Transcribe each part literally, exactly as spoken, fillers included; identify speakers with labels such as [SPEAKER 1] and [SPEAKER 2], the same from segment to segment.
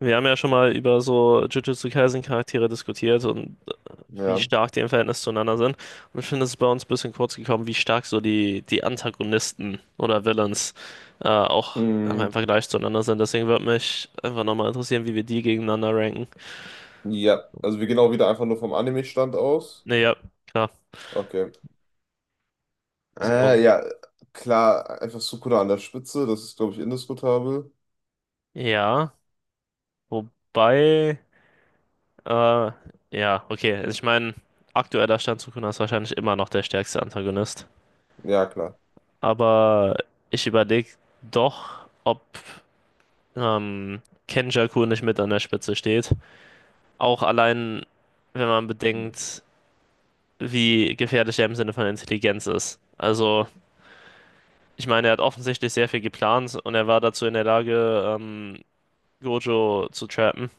[SPEAKER 1] Wir haben ja schon mal über so Jujutsu Kaisen Charaktere diskutiert und wie
[SPEAKER 2] Ja.
[SPEAKER 1] stark die im Verhältnis zueinander sind. Und ich finde, es ist bei uns ein bisschen kurz gekommen, wie stark so die, die Antagonisten oder Villains äh, auch einfach
[SPEAKER 2] Mm,
[SPEAKER 1] im Vergleich zueinander sind. Deswegen würde mich einfach nochmal interessieren, wie wir die gegeneinander ranken.
[SPEAKER 2] ja, also wir gehen auch wieder einfach nur vom Anime-Stand aus.
[SPEAKER 1] Naja, klar.
[SPEAKER 2] Okay.
[SPEAKER 1] So,
[SPEAKER 2] Äh, ja, klar, einfach Sukuna an der Spitze, das ist, glaube ich, indiskutabel.
[SPEAKER 1] ja, wobei, äh, ja, okay. Also ich meine, aktueller Stand Sukuna ist wahrscheinlich immer noch der stärkste Antagonist.
[SPEAKER 2] Ja, klar.
[SPEAKER 1] Aber ich überlege doch, ob ähm, Kenjaku nicht mit an der Spitze steht. Auch allein, wenn man
[SPEAKER 2] Mhm.
[SPEAKER 1] bedenkt, wie gefährlich er im Sinne von Intelligenz ist. Also, ich meine, er hat offensichtlich sehr viel geplant und er war dazu in der Lage, ähm, Gojo zu trappen.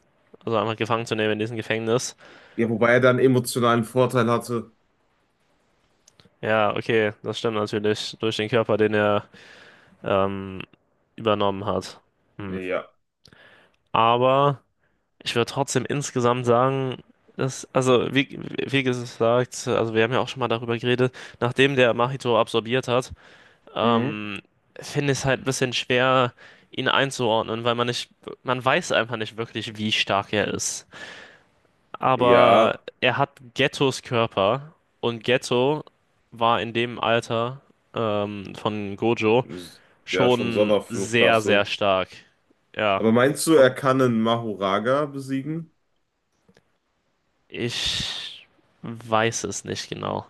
[SPEAKER 1] Also einfach gefangen zu nehmen in diesem Gefängnis.
[SPEAKER 2] Ja, wobei er dann emotionalen Vorteil hatte.
[SPEAKER 1] Ja, okay, das stimmt natürlich. Durch den Körper, den er ähm, übernommen hat. Hm.
[SPEAKER 2] Ja.
[SPEAKER 1] Aber ich würde trotzdem insgesamt sagen, dass, also wie, wie gesagt, also wir haben ja auch schon mal darüber geredet, nachdem der Mahito absorbiert hat,
[SPEAKER 2] Mhm.
[SPEAKER 1] ähm, finde ich es halt ein bisschen schwer, ihn einzuordnen, weil man nicht, man weiß einfach nicht wirklich, wie stark er ist. Aber
[SPEAKER 2] Ja,
[SPEAKER 1] er hat Gettos Körper und Getto war in dem Alter ähm, von Gojo
[SPEAKER 2] s- ja, schon
[SPEAKER 1] schon sehr, sehr
[SPEAKER 2] Sonderflugklasse.
[SPEAKER 1] stark. Ja.
[SPEAKER 2] Aber meinst du, er
[SPEAKER 1] Und
[SPEAKER 2] kann einen Mahoraga besiegen?
[SPEAKER 1] ich weiß es nicht genau.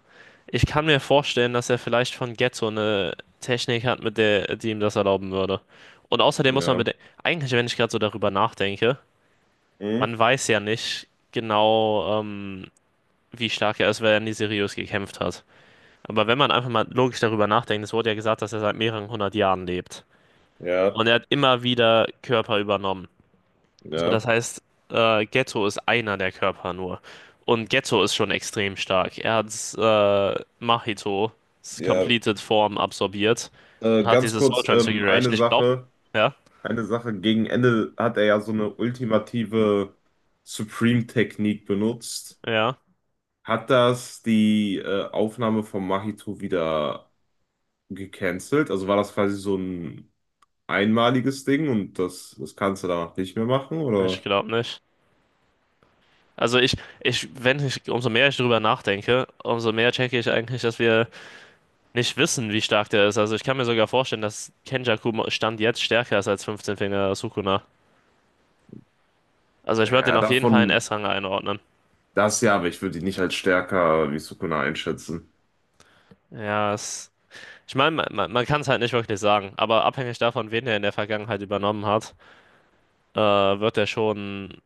[SPEAKER 1] Ich kann mir vorstellen, dass er vielleicht von Getzo eine Technik hat, mit der, die ihm das erlauben würde. Und außerdem muss man
[SPEAKER 2] Ja.
[SPEAKER 1] bedenken, eigentlich, wenn ich gerade so darüber nachdenke,
[SPEAKER 2] Mhm.
[SPEAKER 1] man weiß ja nicht genau, ähm, wie stark er ist, weil er nie seriös gekämpft hat. Aber wenn man einfach mal logisch darüber nachdenkt, es wurde ja gesagt, dass er seit mehreren hundert Jahren lebt.
[SPEAKER 2] Ja,
[SPEAKER 1] Und er hat immer wieder Körper übernommen. So, das
[SPEAKER 2] ja,
[SPEAKER 1] heißt, äh, Ghetto ist einer der Körper nur. Und Ghetto ist schon extrem stark. Er hat äh, Machitos
[SPEAKER 2] ja.
[SPEAKER 1] Completed Form absorbiert und
[SPEAKER 2] Äh,
[SPEAKER 1] hat
[SPEAKER 2] ganz
[SPEAKER 1] diese Soul
[SPEAKER 2] kurz, ähm, eine
[SPEAKER 1] Transfiguration. Ich glaube,
[SPEAKER 2] Sache.
[SPEAKER 1] ja,
[SPEAKER 2] Eine Sache, gegen Ende hat er ja so eine ultimative Supreme-Technik benutzt.
[SPEAKER 1] ja,
[SPEAKER 2] Hat das die äh, Aufnahme von Mahito wieder gecancelt? Also war das quasi so ein einmaliges Ding und das, das kannst du danach nicht mehr machen?
[SPEAKER 1] ich
[SPEAKER 2] Oder?
[SPEAKER 1] glaube nicht. Also ich, ich, wenn ich, umso mehr ich drüber nachdenke, umso mehr checke ich eigentlich, dass wir nicht wissen, wie stark der ist. Also ich kann mir sogar vorstellen, dass Kenjaku Stand jetzt stärker ist als fünfzehn Finger Sukuna. Also ich würde den
[SPEAKER 2] Ja,
[SPEAKER 1] auf jeden Fall in
[SPEAKER 2] davon
[SPEAKER 1] S-Rang einordnen.
[SPEAKER 2] das ja, aber ich würde ihn nicht als stärker wie Sukuna einschätzen.
[SPEAKER 1] Ja, es Ich meine, man, man, man kann es halt nicht wirklich sagen, aber abhängig davon, wen er in der Vergangenheit übernommen hat, äh, wird er schon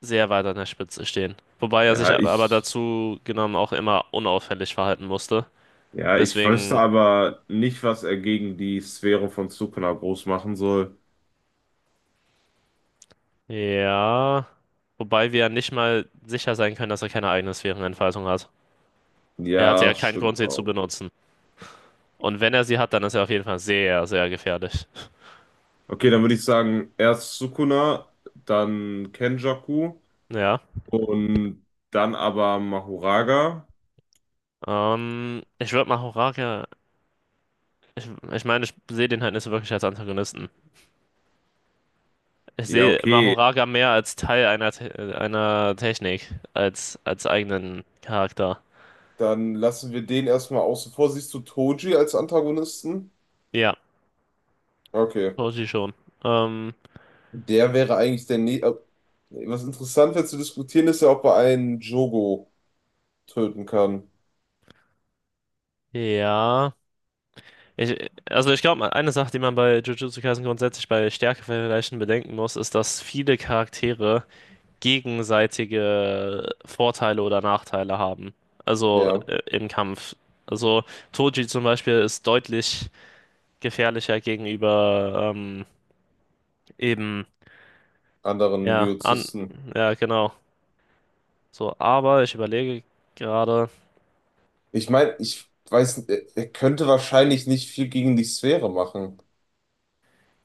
[SPEAKER 1] sehr weit an der Spitze stehen. Wobei er sich
[SPEAKER 2] Ja,
[SPEAKER 1] ab- aber
[SPEAKER 2] ich,
[SPEAKER 1] dazu genommen auch immer unauffällig verhalten musste.
[SPEAKER 2] ja, ich wüsste
[SPEAKER 1] Deswegen,
[SPEAKER 2] aber nicht, was er gegen die Sphäre von Sukuna groß machen soll.
[SPEAKER 1] ja. Wobei wir ja nicht mal sicher sein können, dass er keine eigene Sphärenentfaltung hat. Er hatte ja
[SPEAKER 2] Ja,
[SPEAKER 1] keinen Grund,
[SPEAKER 2] stimmt
[SPEAKER 1] sie zu
[SPEAKER 2] auch.
[SPEAKER 1] benutzen. Und wenn er sie hat, dann ist er auf jeden Fall sehr, sehr gefährlich.
[SPEAKER 2] Okay, dann würde ich sagen, erst Sukuna, dann Kenjaku
[SPEAKER 1] Ja.
[SPEAKER 2] und dann aber Mahoraga.
[SPEAKER 1] Ähm, ich würde mal Horaria. Ich, ich meine, ich sehe den halt nicht so wirklich als Antagonisten. Ich
[SPEAKER 2] Ja,
[SPEAKER 1] sehe
[SPEAKER 2] okay.
[SPEAKER 1] Mahoraga mehr als Teil einer, Te einer Technik, als, als eigenen Charakter.
[SPEAKER 2] Dann lassen wir den erstmal außen vor. Siehst du Toji als Antagonisten?
[SPEAKER 1] Ja,
[SPEAKER 2] Okay.
[SPEAKER 1] Roshi schon. Ähm,
[SPEAKER 2] Der wäre eigentlich der Nä äh, Was interessant wäre zu diskutieren, ist ja, ob er einen Jogo töten kann.
[SPEAKER 1] ja. Ich, also ich glaube, eine Sache, die man bei Jujutsu Kaisen grundsätzlich bei Stärkevergleichen bedenken muss, ist, dass viele Charaktere gegenseitige Vorteile oder Nachteile haben. Also
[SPEAKER 2] Ja,
[SPEAKER 1] äh, im Kampf. Also Toji zum Beispiel ist deutlich gefährlicher gegenüber ähm, eben,
[SPEAKER 2] anderen
[SPEAKER 1] ja, an,
[SPEAKER 2] Jujutsusten.
[SPEAKER 1] ja, genau. So, aber ich überlege gerade.
[SPEAKER 2] Ich meine, ich weiß, n- er er könnte wahrscheinlich nicht viel gegen die Sphäre machen.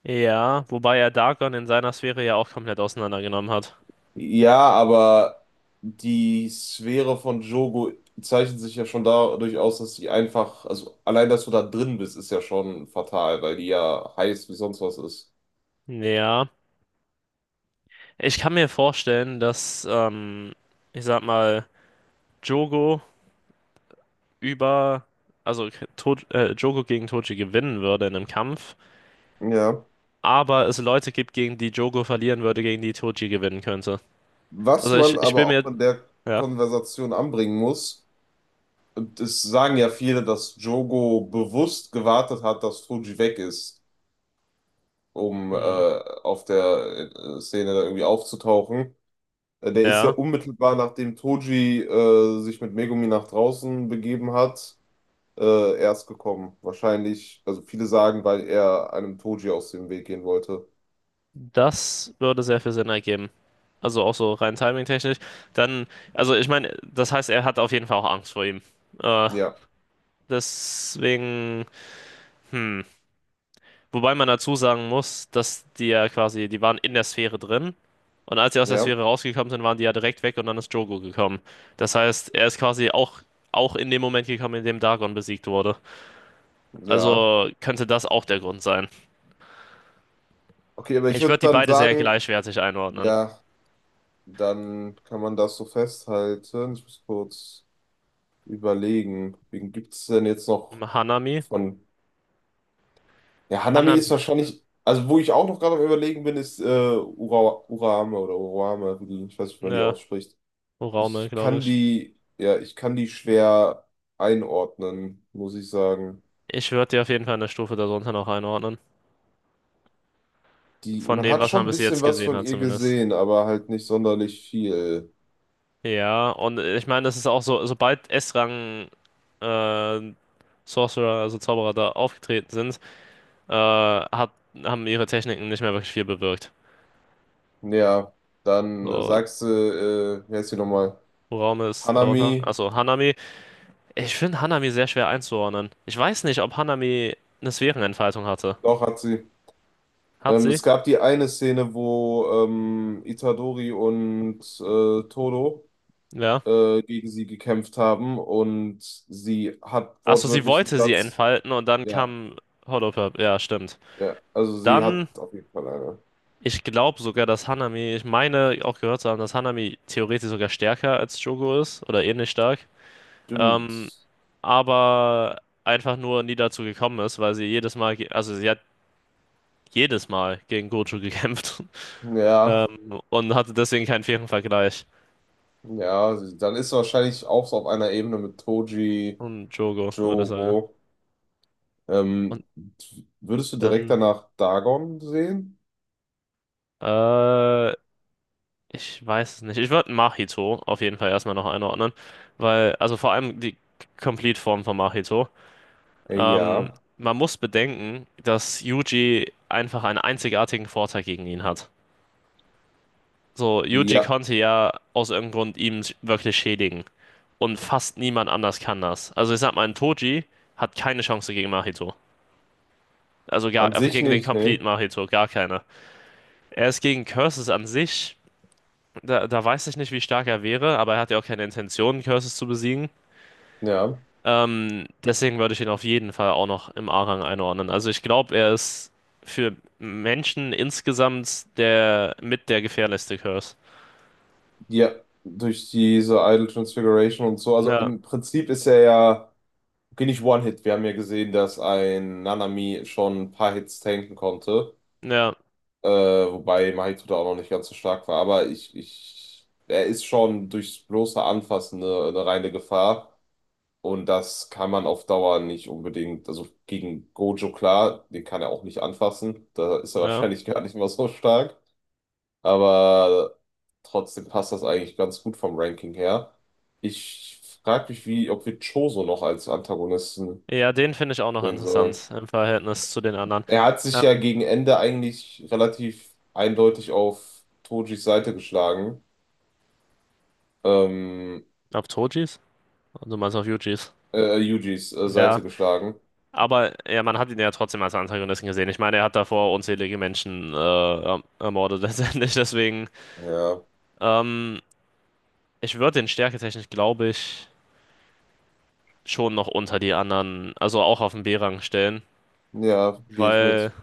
[SPEAKER 1] Ja, wobei er Darkon in seiner Sphäre ja auch komplett auseinandergenommen hat.
[SPEAKER 2] Ja, aber die Sphäre von Jogo zeichnet sich ja schon dadurch aus, dass sie einfach, also allein, dass du da drin bist, ist ja schon fatal, weil die ja heiß wie sonst was ist.
[SPEAKER 1] Ja, ich kann mir vorstellen, dass, ähm, ich sag mal, Jogo über, also to äh, Jogo gegen Toji gewinnen würde in einem Kampf,
[SPEAKER 2] Ja.
[SPEAKER 1] aber es Leute gibt, gegen die Jogo verlieren würde, gegen die Toji gewinnen könnte.
[SPEAKER 2] Was
[SPEAKER 1] Also ich,
[SPEAKER 2] man
[SPEAKER 1] ich bin
[SPEAKER 2] aber auch
[SPEAKER 1] mir,
[SPEAKER 2] in der
[SPEAKER 1] ja,
[SPEAKER 2] Konversation anbringen muss, und es sagen ja viele, dass Jogo bewusst gewartet hat, dass Fuji weg ist, um äh,
[SPEAKER 1] hm,
[SPEAKER 2] auf der äh, Szene da irgendwie aufzutauchen. Äh, Der ist ja
[SPEAKER 1] ja.
[SPEAKER 2] unmittelbar nachdem Toji äh, sich mit Megumi nach draußen begeben hat, äh, erst gekommen. Wahrscheinlich, also viele sagen, weil er einem Toji aus dem Weg gehen wollte.
[SPEAKER 1] Das würde sehr viel Sinn ergeben. Also auch so rein timingtechnisch. Dann, also ich meine, das heißt, er hat auf jeden Fall auch Angst vor ihm. Äh,
[SPEAKER 2] Ja,
[SPEAKER 1] deswegen, hm. Wobei man dazu sagen muss, dass die ja quasi, die waren in der Sphäre drin. Und als sie aus der
[SPEAKER 2] ja,
[SPEAKER 1] Sphäre rausgekommen sind, waren die ja direkt weg und dann ist Drogo gekommen. Das heißt, er ist quasi auch, auch in dem Moment gekommen, in dem Dagon besiegt wurde.
[SPEAKER 2] ja.
[SPEAKER 1] Also könnte das auch der Grund sein.
[SPEAKER 2] Okay, aber ich
[SPEAKER 1] Ich
[SPEAKER 2] würde
[SPEAKER 1] würde die
[SPEAKER 2] dann
[SPEAKER 1] beide sehr
[SPEAKER 2] sagen,
[SPEAKER 1] gleichwertig einordnen.
[SPEAKER 2] ja, dann kann man das so festhalten. Ich muss kurz überlegen, wen gibt es denn jetzt noch
[SPEAKER 1] Hanami?
[SPEAKER 2] von. Ja, Hanami ist
[SPEAKER 1] Hanami,
[SPEAKER 2] wahrscheinlich. Also, wo ich auch noch gerade am Überlegen bin, ist äh, Ura, Urame oder Urame, wie die, ich weiß nicht, wie man die
[SPEAKER 1] ja.
[SPEAKER 2] ausspricht.
[SPEAKER 1] Oraume,
[SPEAKER 2] Ich
[SPEAKER 1] glaube
[SPEAKER 2] kann
[SPEAKER 1] ich.
[SPEAKER 2] die, ja, ich kann die schwer einordnen, muss ich sagen.
[SPEAKER 1] Ich würde die auf jeden Fall eine Stufe darunter noch einordnen.
[SPEAKER 2] Die,
[SPEAKER 1] Von
[SPEAKER 2] man
[SPEAKER 1] dem,
[SPEAKER 2] hat
[SPEAKER 1] was
[SPEAKER 2] schon
[SPEAKER 1] man
[SPEAKER 2] ein
[SPEAKER 1] bis
[SPEAKER 2] bisschen
[SPEAKER 1] jetzt
[SPEAKER 2] was
[SPEAKER 1] gesehen
[SPEAKER 2] von
[SPEAKER 1] hat,
[SPEAKER 2] ihr
[SPEAKER 1] zumindest.
[SPEAKER 2] gesehen, aber halt nicht sonderlich viel.
[SPEAKER 1] Ja, und äh, ich meine, das ist auch so, sobald S-Rang äh, Sorcerer, also Zauberer da aufgetreten sind, äh, hat, haben ihre Techniken nicht mehr wirklich viel bewirkt.
[SPEAKER 2] Ja, dann
[SPEAKER 1] So,
[SPEAKER 2] sagst du, äh, wie heißt sie nochmal?
[SPEAKER 1] Uraume ist darunter.
[SPEAKER 2] Hanami,
[SPEAKER 1] Achso, Hanami. Ich finde Hanami sehr schwer einzuordnen. Ich weiß nicht, ob Hanami eine Sphärenentfaltung hatte.
[SPEAKER 2] doch hat sie.
[SPEAKER 1] Hat
[SPEAKER 2] Ähm,
[SPEAKER 1] sie?
[SPEAKER 2] es gab die eine Szene, wo ähm, Itadori und äh, Todo
[SPEAKER 1] Ja.
[SPEAKER 2] äh, gegen sie gekämpft haben und sie hat
[SPEAKER 1] Achso, sie
[SPEAKER 2] wortwörtlich den
[SPEAKER 1] wollte sie
[SPEAKER 2] Satz,
[SPEAKER 1] entfalten und dann
[SPEAKER 2] ja,
[SPEAKER 1] kam Hollow Purp. Ja, stimmt.
[SPEAKER 2] ja, also sie
[SPEAKER 1] Dann,
[SPEAKER 2] hat auf jeden Fall eine.
[SPEAKER 1] ich glaube sogar, dass Hanami, ich meine auch gehört zu haben, dass Hanami theoretisch sogar stärker als Jogo ist oder ähnlich stark. Ähm,
[SPEAKER 2] Stimmt.
[SPEAKER 1] aber einfach nur nie dazu gekommen ist, weil sie jedes Mal, ge- also sie hat jedes Mal gegen Gojo gekämpft
[SPEAKER 2] Ja,
[SPEAKER 1] ähm, und hatte deswegen keinen fairen Vergleich.
[SPEAKER 2] ja, dann ist wahrscheinlich auch so auf einer Ebene mit Toji,
[SPEAKER 1] Und Jogo, würde ich sagen.
[SPEAKER 2] Jogo.
[SPEAKER 1] Und
[SPEAKER 2] Ähm, Würdest du direkt
[SPEAKER 1] dann,
[SPEAKER 2] danach Dagon sehen?
[SPEAKER 1] äh, ich weiß es nicht. Ich würde Mahito auf jeden Fall erstmal noch einordnen, weil, also vor allem die Complete-Form von Mahito.
[SPEAKER 2] Äh,
[SPEAKER 1] Ähm,
[SPEAKER 2] Ja,
[SPEAKER 1] man muss bedenken, dass Yuji einfach einen einzigartigen Vorteil gegen ihn hat. So, Yuji
[SPEAKER 2] ja,
[SPEAKER 1] konnte ja aus irgendeinem Grund ihm wirklich schädigen. Und fast niemand anders kann das. Also ich sag mal, ein Toji hat keine Chance gegen Mahito. Also
[SPEAKER 2] an
[SPEAKER 1] gar, äh,
[SPEAKER 2] sich
[SPEAKER 1] gegen den
[SPEAKER 2] nicht,
[SPEAKER 1] Complete
[SPEAKER 2] ne?
[SPEAKER 1] Mahito, gar keine. Er ist gegen Curses an sich, da, da weiß ich nicht, wie stark er wäre, aber er hat ja auch keine Intention, Curses zu besiegen.
[SPEAKER 2] Ja,
[SPEAKER 1] Ähm, deswegen würde ich ihn auf jeden Fall auch noch im A-Rang einordnen. Also ich glaube, er ist für Menschen insgesamt der mit der gefährlichste Curse.
[SPEAKER 2] ja, durch diese Idol Transfiguration und so. Also
[SPEAKER 1] Ja,
[SPEAKER 2] im Prinzip ist er ja, okay, nicht One-Hit. Wir haben ja gesehen, dass ein Nanami schon ein paar Hits tanken konnte.
[SPEAKER 1] ja,
[SPEAKER 2] Äh, wobei Mahito da auch noch nicht ganz so stark war. Aber ich, ich, er ist schon durchs bloße Anfassen eine, eine reine Gefahr. Und das kann man auf Dauer nicht unbedingt. Also gegen Gojo, klar, den kann er auch nicht anfassen. Da ist er
[SPEAKER 1] ja.
[SPEAKER 2] wahrscheinlich gar nicht mal so stark. Aber trotzdem passt das eigentlich ganz gut vom Ranking her. Ich frage mich, wie, ob wir Choso noch als Antagonisten
[SPEAKER 1] Ja, den finde ich auch noch
[SPEAKER 2] sehen sollen.
[SPEAKER 1] interessant im Verhältnis zu den anderen.
[SPEAKER 2] Er hat sich
[SPEAKER 1] Ähm,
[SPEAKER 2] ja gegen Ende eigentlich relativ eindeutig auf Tojis Seite geschlagen. Ähm,
[SPEAKER 1] auf Tojis? Du meinst auf Yujis?
[SPEAKER 2] äh, Yujis äh,
[SPEAKER 1] Ja.
[SPEAKER 2] Seite geschlagen.
[SPEAKER 1] Aber ja, man hat ihn ja trotzdem als Antagonisten gesehen. Ich meine, er hat davor unzählige Menschen äh, erm- ermordet letztendlich. Deswegen,
[SPEAKER 2] Ja,
[SPEAKER 1] hm, ich würde den stärketechnisch, glaube ich. schon noch unter die anderen, also auch auf den B-Rang stellen,
[SPEAKER 2] ja, gehe ich
[SPEAKER 1] weil
[SPEAKER 2] mit.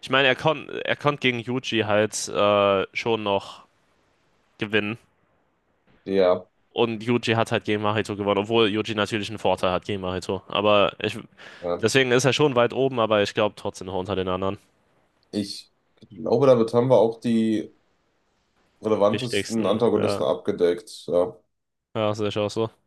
[SPEAKER 1] ich meine, er konnte er konnt gegen Yuji halt äh, schon noch gewinnen.
[SPEAKER 2] Ja,
[SPEAKER 1] Und Yuji hat halt gegen Mahito gewonnen, obwohl Yuji natürlich einen Vorteil hat gegen Mahito. Aber ich,
[SPEAKER 2] ja.
[SPEAKER 1] deswegen ist er schon weit oben, aber ich glaube trotzdem noch unter den anderen
[SPEAKER 2] Ich glaube, damit haben wir auch die relevantesten
[SPEAKER 1] wichtigsten. Ja,
[SPEAKER 2] Antagonisten abgedeckt. Ja.
[SPEAKER 1] ja sehe ich auch so.